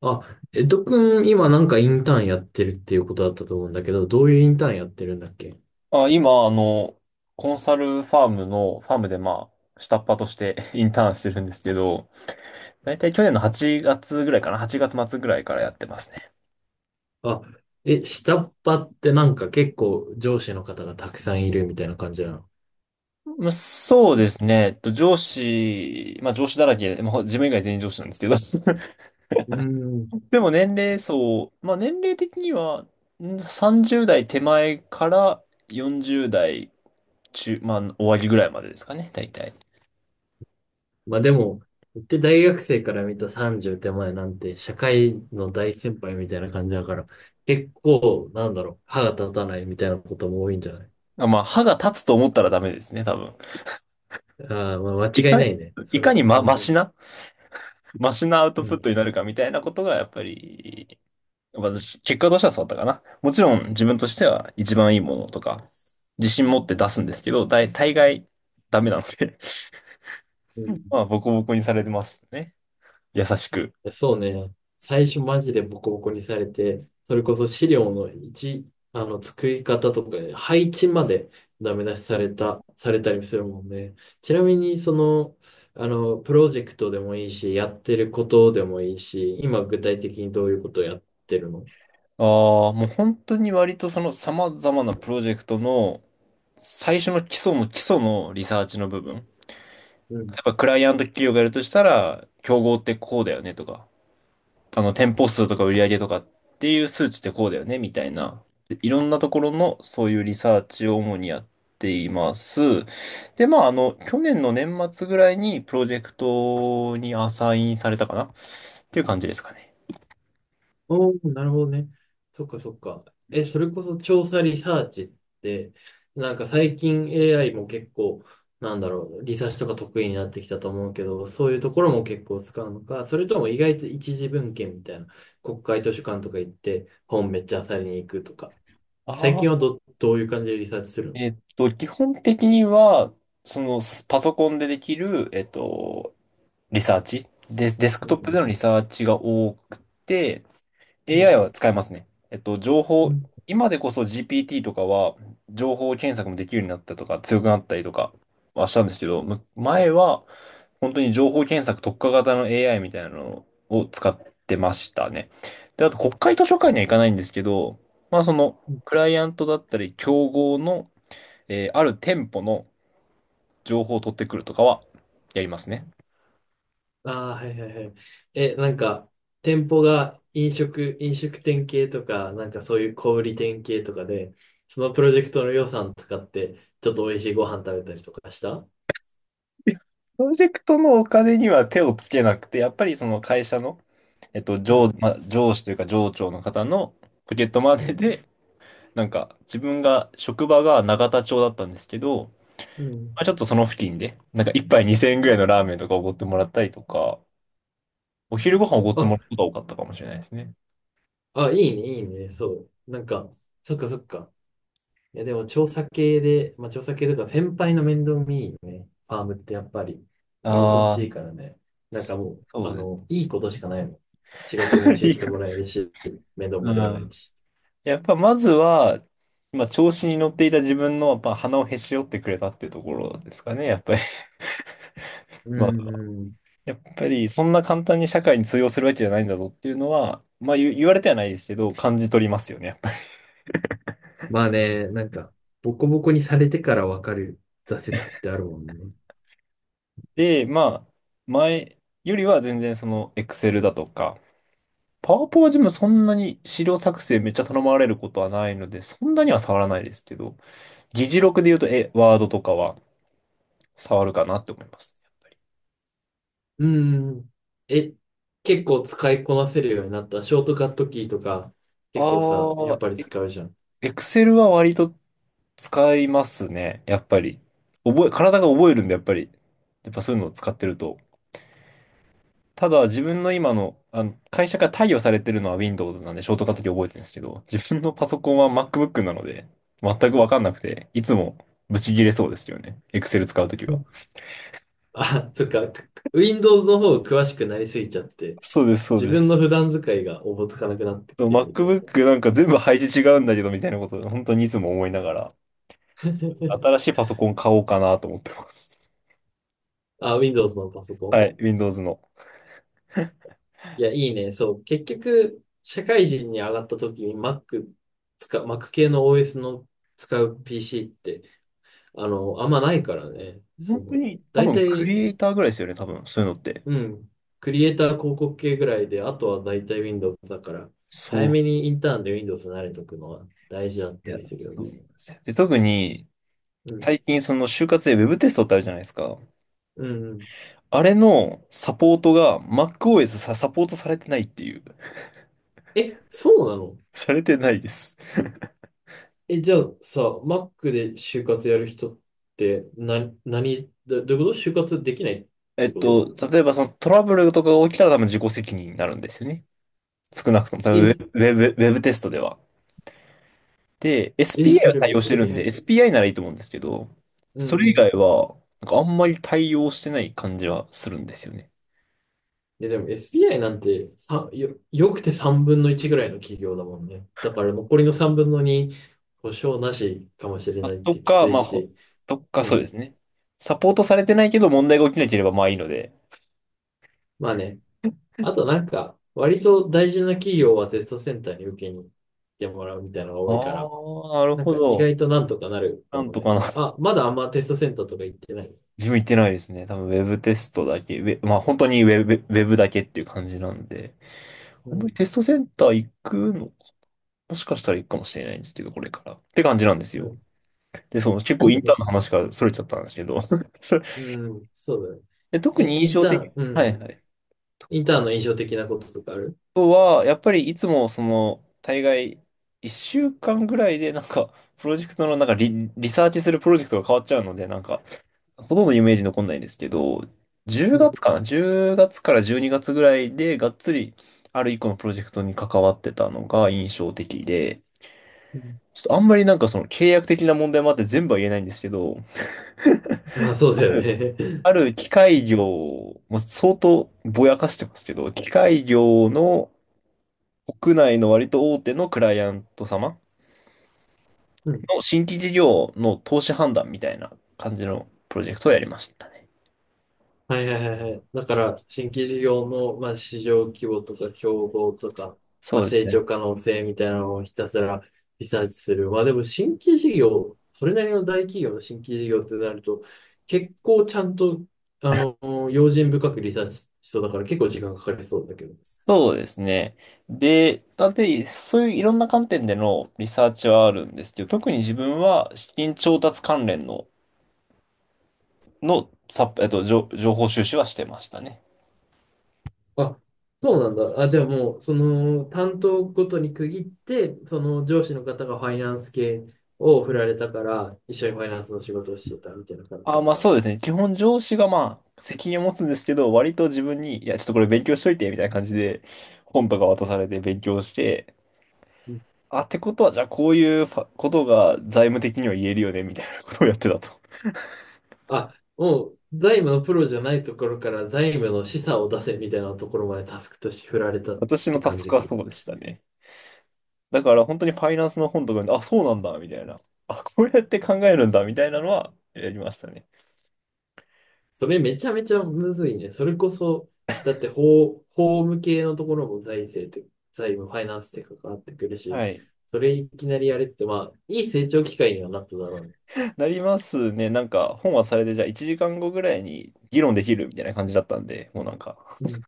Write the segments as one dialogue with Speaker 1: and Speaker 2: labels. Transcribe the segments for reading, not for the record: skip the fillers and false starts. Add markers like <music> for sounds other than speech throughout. Speaker 1: あ、ドくん、今インターンやってるっていうことだったと思うんだけど、どういうインターンやってるんだっけ？
Speaker 2: 今、コンサルファームの、ファームでまあ、下っ端として <laughs> インターンしてるんですけど、だいたい去年の8月ぐらいかな、8月末ぐらいからやってますね。
Speaker 1: あ、え、下っ端ってなんか結構上司の方がたくさんいるみたいな感じなの？
Speaker 2: まあ、そうですね。えっと上司、まあ上司だらけで、まあ自分以外全員上司なんですけど。<laughs>
Speaker 1: うーん。
Speaker 2: でも年齢層、まあ年齢的には、30代手前から40代まあ終わりぐらいまでですかね、大体。
Speaker 1: まあでも、言って大学生から見た30手前なんて社会の大先輩みたいな感じだから、結構、歯が立たないみたいなことも多いんじゃない？
Speaker 2: まあ歯が立つと思ったらダメですね、多分。
Speaker 1: ああー、まあ
Speaker 2: い
Speaker 1: 間違い
Speaker 2: か
Speaker 1: な
Speaker 2: に、
Speaker 1: いね、そ
Speaker 2: い
Speaker 1: れ
Speaker 2: か
Speaker 1: は。
Speaker 2: に
Speaker 1: う
Speaker 2: マ
Speaker 1: ん。
Speaker 2: シなマシなアウ
Speaker 1: う
Speaker 2: トプッ
Speaker 1: ん。
Speaker 2: トになるかみたいなことが、やっぱり、私、結果としてはそうだったかな。もちろん自分としては一番いいものとか、自信持って出すんですけど、大概ダメなので、
Speaker 1: う
Speaker 2: <laughs>
Speaker 1: ん。
Speaker 2: まあ、ボコボコにされてますね。優しく。
Speaker 1: そうね。最初マジでボコボコにされて、それこそ資料の位、あの、作り方とか、配置までダメ出しされた、されたりするもんね。ちなみに、その、あの、プロジェクトでもいいし、やってることでもいいし、今具体的にどういうことをやってるの？
Speaker 2: ああ、もう本当に割とその様々なプロジェクトの最初の基礎の基礎のリサーチの部分。や
Speaker 1: うん。
Speaker 2: っぱクライアント企業がやるとしたら、競合ってこうだよねとか、店舗数とか売り上げとかっていう数値ってこうだよね、みたいな。でいろんなところのそういうリサーチを主にやっています。で、まあ、去年の年末ぐらいにプロジェクトにアサインされたかなっていう感じですかね。
Speaker 1: おお、なるほどね。そっかそっか。え、それこそ調査リサーチって、なんか最近 AI も結構、なんだろう、リサーチとか得意になってきたと思うけど、そういうところも結構使うのか、それとも意外と一次文献みたいな、国会図書館とか行って本めっちゃ漁りに行くとか、最
Speaker 2: あ
Speaker 1: 近は
Speaker 2: あ、
Speaker 1: ど、どういう感じでリサーチするの？
Speaker 2: 基本的には、パソコンでできる、リサーチ、デス、デスク
Speaker 1: う
Speaker 2: トップで
Speaker 1: ん、
Speaker 2: のリサーチが多くて、
Speaker 1: う
Speaker 2: AI
Speaker 1: ん、
Speaker 2: は使えますね。
Speaker 1: うん。うん。
Speaker 2: 今でこそ GPT とかは情報検索もできるようになったとか強くなったりとかはしたんですけど、前は本当に情報検索特化型の AI みたいなのを使ってましたね。で、あと国会図書館には行かないんですけど、まあそのクライアントだったり競合の、ある店舗の情報を取ってくるとかはやりますね。
Speaker 1: ああー、はいはいはい。え、なんか、店舗が飲食、飲食店系とか、なんかそういう小売店系とかで、そのプロジェクトの予算使って、ちょっと美味しいご飯食べたりとかした？
Speaker 2: プロジェクトのお金には手をつけなくて、やっぱりその会社の、
Speaker 1: うん。
Speaker 2: まあ、上司というか上長の方のポケットマネ
Speaker 1: うん。
Speaker 2: ーで、なんか自分が、職場が永田町だったんですけど、
Speaker 1: うん。
Speaker 2: まあ、ちょっとその付近で、なんか一杯2000円ぐらいのラーメンとかおごってもらったりとか、お昼ご飯おごってもらう
Speaker 1: あ、
Speaker 2: ことが多かったかもしれないですね。
Speaker 1: あ、いいね、いいね、そう。なんか、そっかそっか。いや、でも調査系とか、先輩の面倒見いいね。ファームってやっぱり、居心地
Speaker 2: あ
Speaker 1: いい
Speaker 2: あ、
Speaker 1: からね。なんか
Speaker 2: そ
Speaker 1: もう、あ
Speaker 2: うです。
Speaker 1: の、いいことしかないもん。仕事も
Speaker 2: <laughs>
Speaker 1: 教え
Speaker 2: いい
Speaker 1: て
Speaker 2: か
Speaker 1: も
Speaker 2: な。
Speaker 1: らえるし、面倒
Speaker 2: う
Speaker 1: 見てもらえる
Speaker 2: ん。
Speaker 1: し。
Speaker 2: やっぱまずは、まあ、調子に乗っていた自分の、やっぱ鼻をへし折ってくれたってところですかね、やっぱり。<laughs>
Speaker 1: う
Speaker 2: まあ
Speaker 1: んうん。
Speaker 2: やっぱりそんな簡単に社会に通用するわけじゃないんだぞっていうのは、まあ言われてはないですけど、感じ取りますよね、やっぱり。
Speaker 1: まあね、なんか、ボコボコにされてからわかる挫折ってあるもんね。
Speaker 2: で、まあ、前よりは全然その Excel だとか、パワポは自分そんなに資料作成めっちゃ頼まれることはないので、そんなには触らないですけど、議事録で言うと、ワードとかは触るかなって思います。
Speaker 1: うんうん。え、結構使いこなせるようになった？ショートカットキーとか、結構さ、
Speaker 2: あ
Speaker 1: やっ
Speaker 2: あ、
Speaker 1: ぱり使うじゃん。
Speaker 2: Excel は割と使いますね、やっぱり。体が覚えるんで、やっぱり。やっぱそういうのを使ってると、ただ自分の今の、あの会社から貸与されてるのは Windows なんでショートカットキー覚えてるんですけど、自分のパソコンは MacBook なので、全くわかんなくて、いつもブチ切れそうですよね。Excel 使うとき
Speaker 1: う
Speaker 2: は。
Speaker 1: ん。あ、そっか。Windows の方詳しくなりすぎちゃって、
Speaker 2: そうです、そう
Speaker 1: 自
Speaker 2: で
Speaker 1: 分の
Speaker 2: す。
Speaker 1: 普段使いがおぼつかなくなってきてるみたいな。
Speaker 2: MacBook なんか全部配置違うんだけどみたいなことを本当にいつも思いながら、新
Speaker 1: <laughs>
Speaker 2: しいパソコン買おうかなと思ってます。
Speaker 1: あ、Windows のパソコ
Speaker 2: は
Speaker 1: ン？
Speaker 2: い、Windows の。
Speaker 1: いや、いいね。そう。結局、社会人に上がった時に Mac 使う、Mac 系の OS の使う PC って、あの、あんまないからね。そ
Speaker 2: 本当
Speaker 1: の、
Speaker 2: に多
Speaker 1: 大
Speaker 2: 分ク
Speaker 1: 体、
Speaker 2: リエイターぐらいですよね、多分そういうのって。
Speaker 1: うん、クリエイター広告系ぐらいで、あとは大体 Windows だから、早
Speaker 2: そう、
Speaker 1: めにインターンで Windows に慣れとくのは大事だっ
Speaker 2: い
Speaker 1: た
Speaker 2: や、
Speaker 1: りするよ
Speaker 2: そう
Speaker 1: ね。
Speaker 2: なんですよ。で、特に
Speaker 1: うん、
Speaker 2: 最近その就活で Web テストってあるじゃないですか。
Speaker 1: うん、うん。
Speaker 2: あれのサポートが MacOS サポートされてないっていう。<laughs>
Speaker 1: え、そうなの？
Speaker 2: されてないです。<laughs>
Speaker 1: え、じゃあさ、Mac で就活やる人って、な、何、どどういうこと、就活できないってこと？
Speaker 2: 例えばそのトラブルとかが起きたら多分自己責任になるんですよね。少なくとも、多分
Speaker 1: え、
Speaker 2: ウェブテストでは。で、
Speaker 1: え、
Speaker 2: SPI
Speaker 1: そ
Speaker 2: は
Speaker 1: れ
Speaker 2: 対
Speaker 1: めっ
Speaker 2: 応して
Speaker 1: ちゃ
Speaker 2: る
Speaker 1: ビ
Speaker 2: ん
Speaker 1: ハイ
Speaker 2: で、
Speaker 1: ンド。
Speaker 2: SPI ならいいと思うんですけど、
Speaker 1: う
Speaker 2: それ以
Speaker 1: ん。
Speaker 2: 外は、なんかあんまり対応してない感じはするんですよね。
Speaker 1: いや、でも SBI なんて、よくて3分の1ぐらいの企業だもんね。だから残りの3分の2、保証なしかもしれ
Speaker 2: あ
Speaker 1: ないっ
Speaker 2: と
Speaker 1: てき
Speaker 2: か、
Speaker 1: つい
Speaker 2: まあ、ほ
Speaker 1: し。
Speaker 2: とか
Speaker 1: う
Speaker 2: そうで
Speaker 1: ん。
Speaker 2: すね。サポートされてないけど問題が起きなければまあいいので。
Speaker 1: まあね。あとなんか、割と大事な企業はテストセンターに受けに行ってもらうみたいなのが
Speaker 2: あ
Speaker 1: 多いから、
Speaker 2: あ、なる
Speaker 1: なん
Speaker 2: ほ
Speaker 1: か意外
Speaker 2: ど。
Speaker 1: となんとかなるか
Speaker 2: なん
Speaker 1: も
Speaker 2: と
Speaker 1: ね。
Speaker 2: かな。
Speaker 1: あ、まだあんまテストセンターとか行ってない？
Speaker 2: 自分行ってないですね。多分ウェブテストだけ。まあ本当にウェブだけっていう感じなんで。あ
Speaker 1: う
Speaker 2: んまり
Speaker 1: ん。
Speaker 2: テストセンター行くのか。もしかしたら行くかもしれないんですけど、これから。って感じなんです
Speaker 1: う
Speaker 2: よ。
Speaker 1: ん。
Speaker 2: で、そう、結
Speaker 1: あ、
Speaker 2: 構イ
Speaker 1: そ
Speaker 2: ンタ
Speaker 1: っ
Speaker 2: ーンの
Speaker 1: か。
Speaker 2: 話から逸れちゃったんですけど。<laughs> それ
Speaker 1: うん。そうだね。
Speaker 2: で、特
Speaker 1: え、
Speaker 2: に印
Speaker 1: イン
Speaker 2: 象
Speaker 1: ター
Speaker 2: 的。
Speaker 1: ン、う
Speaker 2: はい
Speaker 1: ん。
Speaker 2: はい。
Speaker 1: インターンの印象的なこととかある？
Speaker 2: あとは、やっぱりいつもその、大概、一週間ぐらいでなんか、プロジェクトのなんかリサーチするプロジェクトが変わっちゃうので、なんか、ほとんどイメージ残んないですけど、
Speaker 1: う
Speaker 2: 10
Speaker 1: ん。
Speaker 2: 月かな？ 10 月から12月ぐらいでがっつりある一個のプロジェクトに関わってたのが印象的で、ちょっとあんまりなんかその契約的な問題もあって全部は言えないんですけど、
Speaker 1: まあそうだよね。
Speaker 2: あ
Speaker 1: <laughs>
Speaker 2: る機械業、もう相当ぼやかしてますけど、機械業の国内の割と大手のクライアント様
Speaker 1: うん。
Speaker 2: の新規事業の投資判断みたいな感じのプロジェクトをやりましたね。
Speaker 1: はいはいはいはい。だから、新規事業の、まあ、市場規模とか競合とか、ま
Speaker 2: そ
Speaker 1: あ、
Speaker 2: うです
Speaker 1: 成長
Speaker 2: ね。
Speaker 1: 可能性みたいなのをひたすらリサーチする。まあでも新規事業、それなりの大企業の新規事業ってなると、結構ちゃんと、あの、用心深くリサーチしそうだから結構時間かかりそうだけど。
Speaker 2: そうですね。で、なんで、そういういろんな観点でのリサーチはあるんですけど、特に自分は資金調達関連の、のさ、えっと、情情報収集はしてましたね。
Speaker 1: あ、そうなんだ。あ、じゃあもう、その、担当ごとに区切って、その上司の方がファイナンス系を振られたから、一緒にファイナンスの仕事をしてたみたいな感じな
Speaker 2: あ、
Speaker 1: の
Speaker 2: まあ
Speaker 1: か。
Speaker 2: そうですね。基本上司がまあ責任を持つんですけど、割と自分に、いや、ちょっとこれ勉強しといて、みたいな感じで本とか渡されて勉強して、
Speaker 1: うん。
Speaker 2: あ、ってことは、じゃあこういうことが財務的には言えるよね、みたいなことをやってたと。
Speaker 1: あ、もう、財務のプロじゃないところから財務の示唆を出せみたいなところまでタスクとして振られたっ
Speaker 2: 私の
Speaker 1: て
Speaker 2: タ
Speaker 1: 感
Speaker 2: ス
Speaker 1: じ
Speaker 2: クは
Speaker 1: か。
Speaker 2: そうでしたね。だから本当にファイナンスの本とかで、あ、そうなんだ、みたいな。あ、こうやって考えるんだ、みたいなのはやりましたね。
Speaker 1: それめちゃめちゃむずいね。それこそ、だって法、法務系のところも財政って、財務、ファイナンスって関わってくるし、
Speaker 2: はい。
Speaker 1: それいきなりやれって、まあ、いい成長機会にはなっただろうね。
Speaker 2: なりますね。なんか本はそれでじゃあ1時間後ぐらいに議論できるみたいな感じだったんで、もうなんか、
Speaker 1: うん、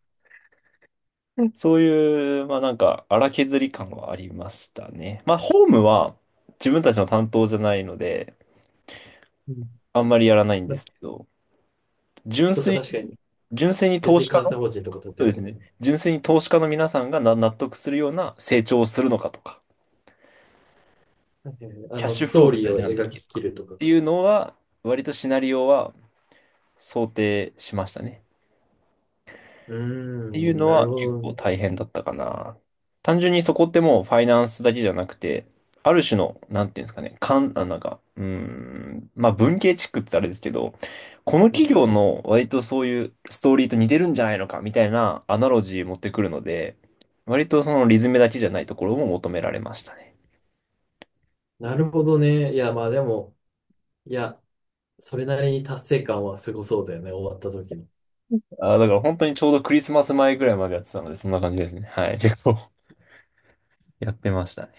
Speaker 2: うんそういう、まあなんか荒削り感はありましたね。まあホームは自分たちの担当じゃないので、
Speaker 1: うん。
Speaker 2: あんまりやらないん
Speaker 1: ま、
Speaker 2: ですけど、純
Speaker 1: とか
Speaker 2: 粋
Speaker 1: 確かに。
Speaker 2: に、純粋に
Speaker 1: 別
Speaker 2: 投
Speaker 1: に
Speaker 2: 資家
Speaker 1: 監
Speaker 2: の、
Speaker 1: 査
Speaker 2: そ
Speaker 1: 法人とか取っ
Speaker 2: う
Speaker 1: てれ
Speaker 2: です
Speaker 1: ば。
Speaker 2: ね。純粋に投資家の皆さんが納得するような成長をするのかとか、
Speaker 1: はいはいはい、あ
Speaker 2: キャッ
Speaker 1: の、
Speaker 2: シュ
Speaker 1: ス
Speaker 2: フロー
Speaker 1: トー
Speaker 2: って
Speaker 1: リー
Speaker 2: 大
Speaker 1: を
Speaker 2: 事なんだっ
Speaker 1: 描
Speaker 2: け
Speaker 1: き
Speaker 2: と
Speaker 1: き
Speaker 2: か。っ
Speaker 1: るとか
Speaker 2: て
Speaker 1: か。
Speaker 2: いうのは、割とシナリオは想定しましたね。
Speaker 1: うー
Speaker 2: っていう
Speaker 1: ん、
Speaker 2: の
Speaker 1: な
Speaker 2: は
Speaker 1: るほ
Speaker 2: 結
Speaker 1: ど。
Speaker 2: 構大変だったかな。単純にそこってもうファイナンスだけじゃなくて、ある種の、なんていうんですかね、かん、あ、なんか、まあ文系チックってあれですけど、この
Speaker 1: うん。
Speaker 2: 企業の割とそういうストーリーと似てるんじゃないのかみたいなアナロジー持ってくるので、割とそのリズムだけじゃないところも求められましたね。
Speaker 1: なるほどね。いや、まあでも、いや、それなりに達成感はすごそうだよね、終わった時の。
Speaker 2: だから本当にちょうどクリスマス前ぐらいまでやってたので、そんな感じですね。はい。結構 <laughs> やってました。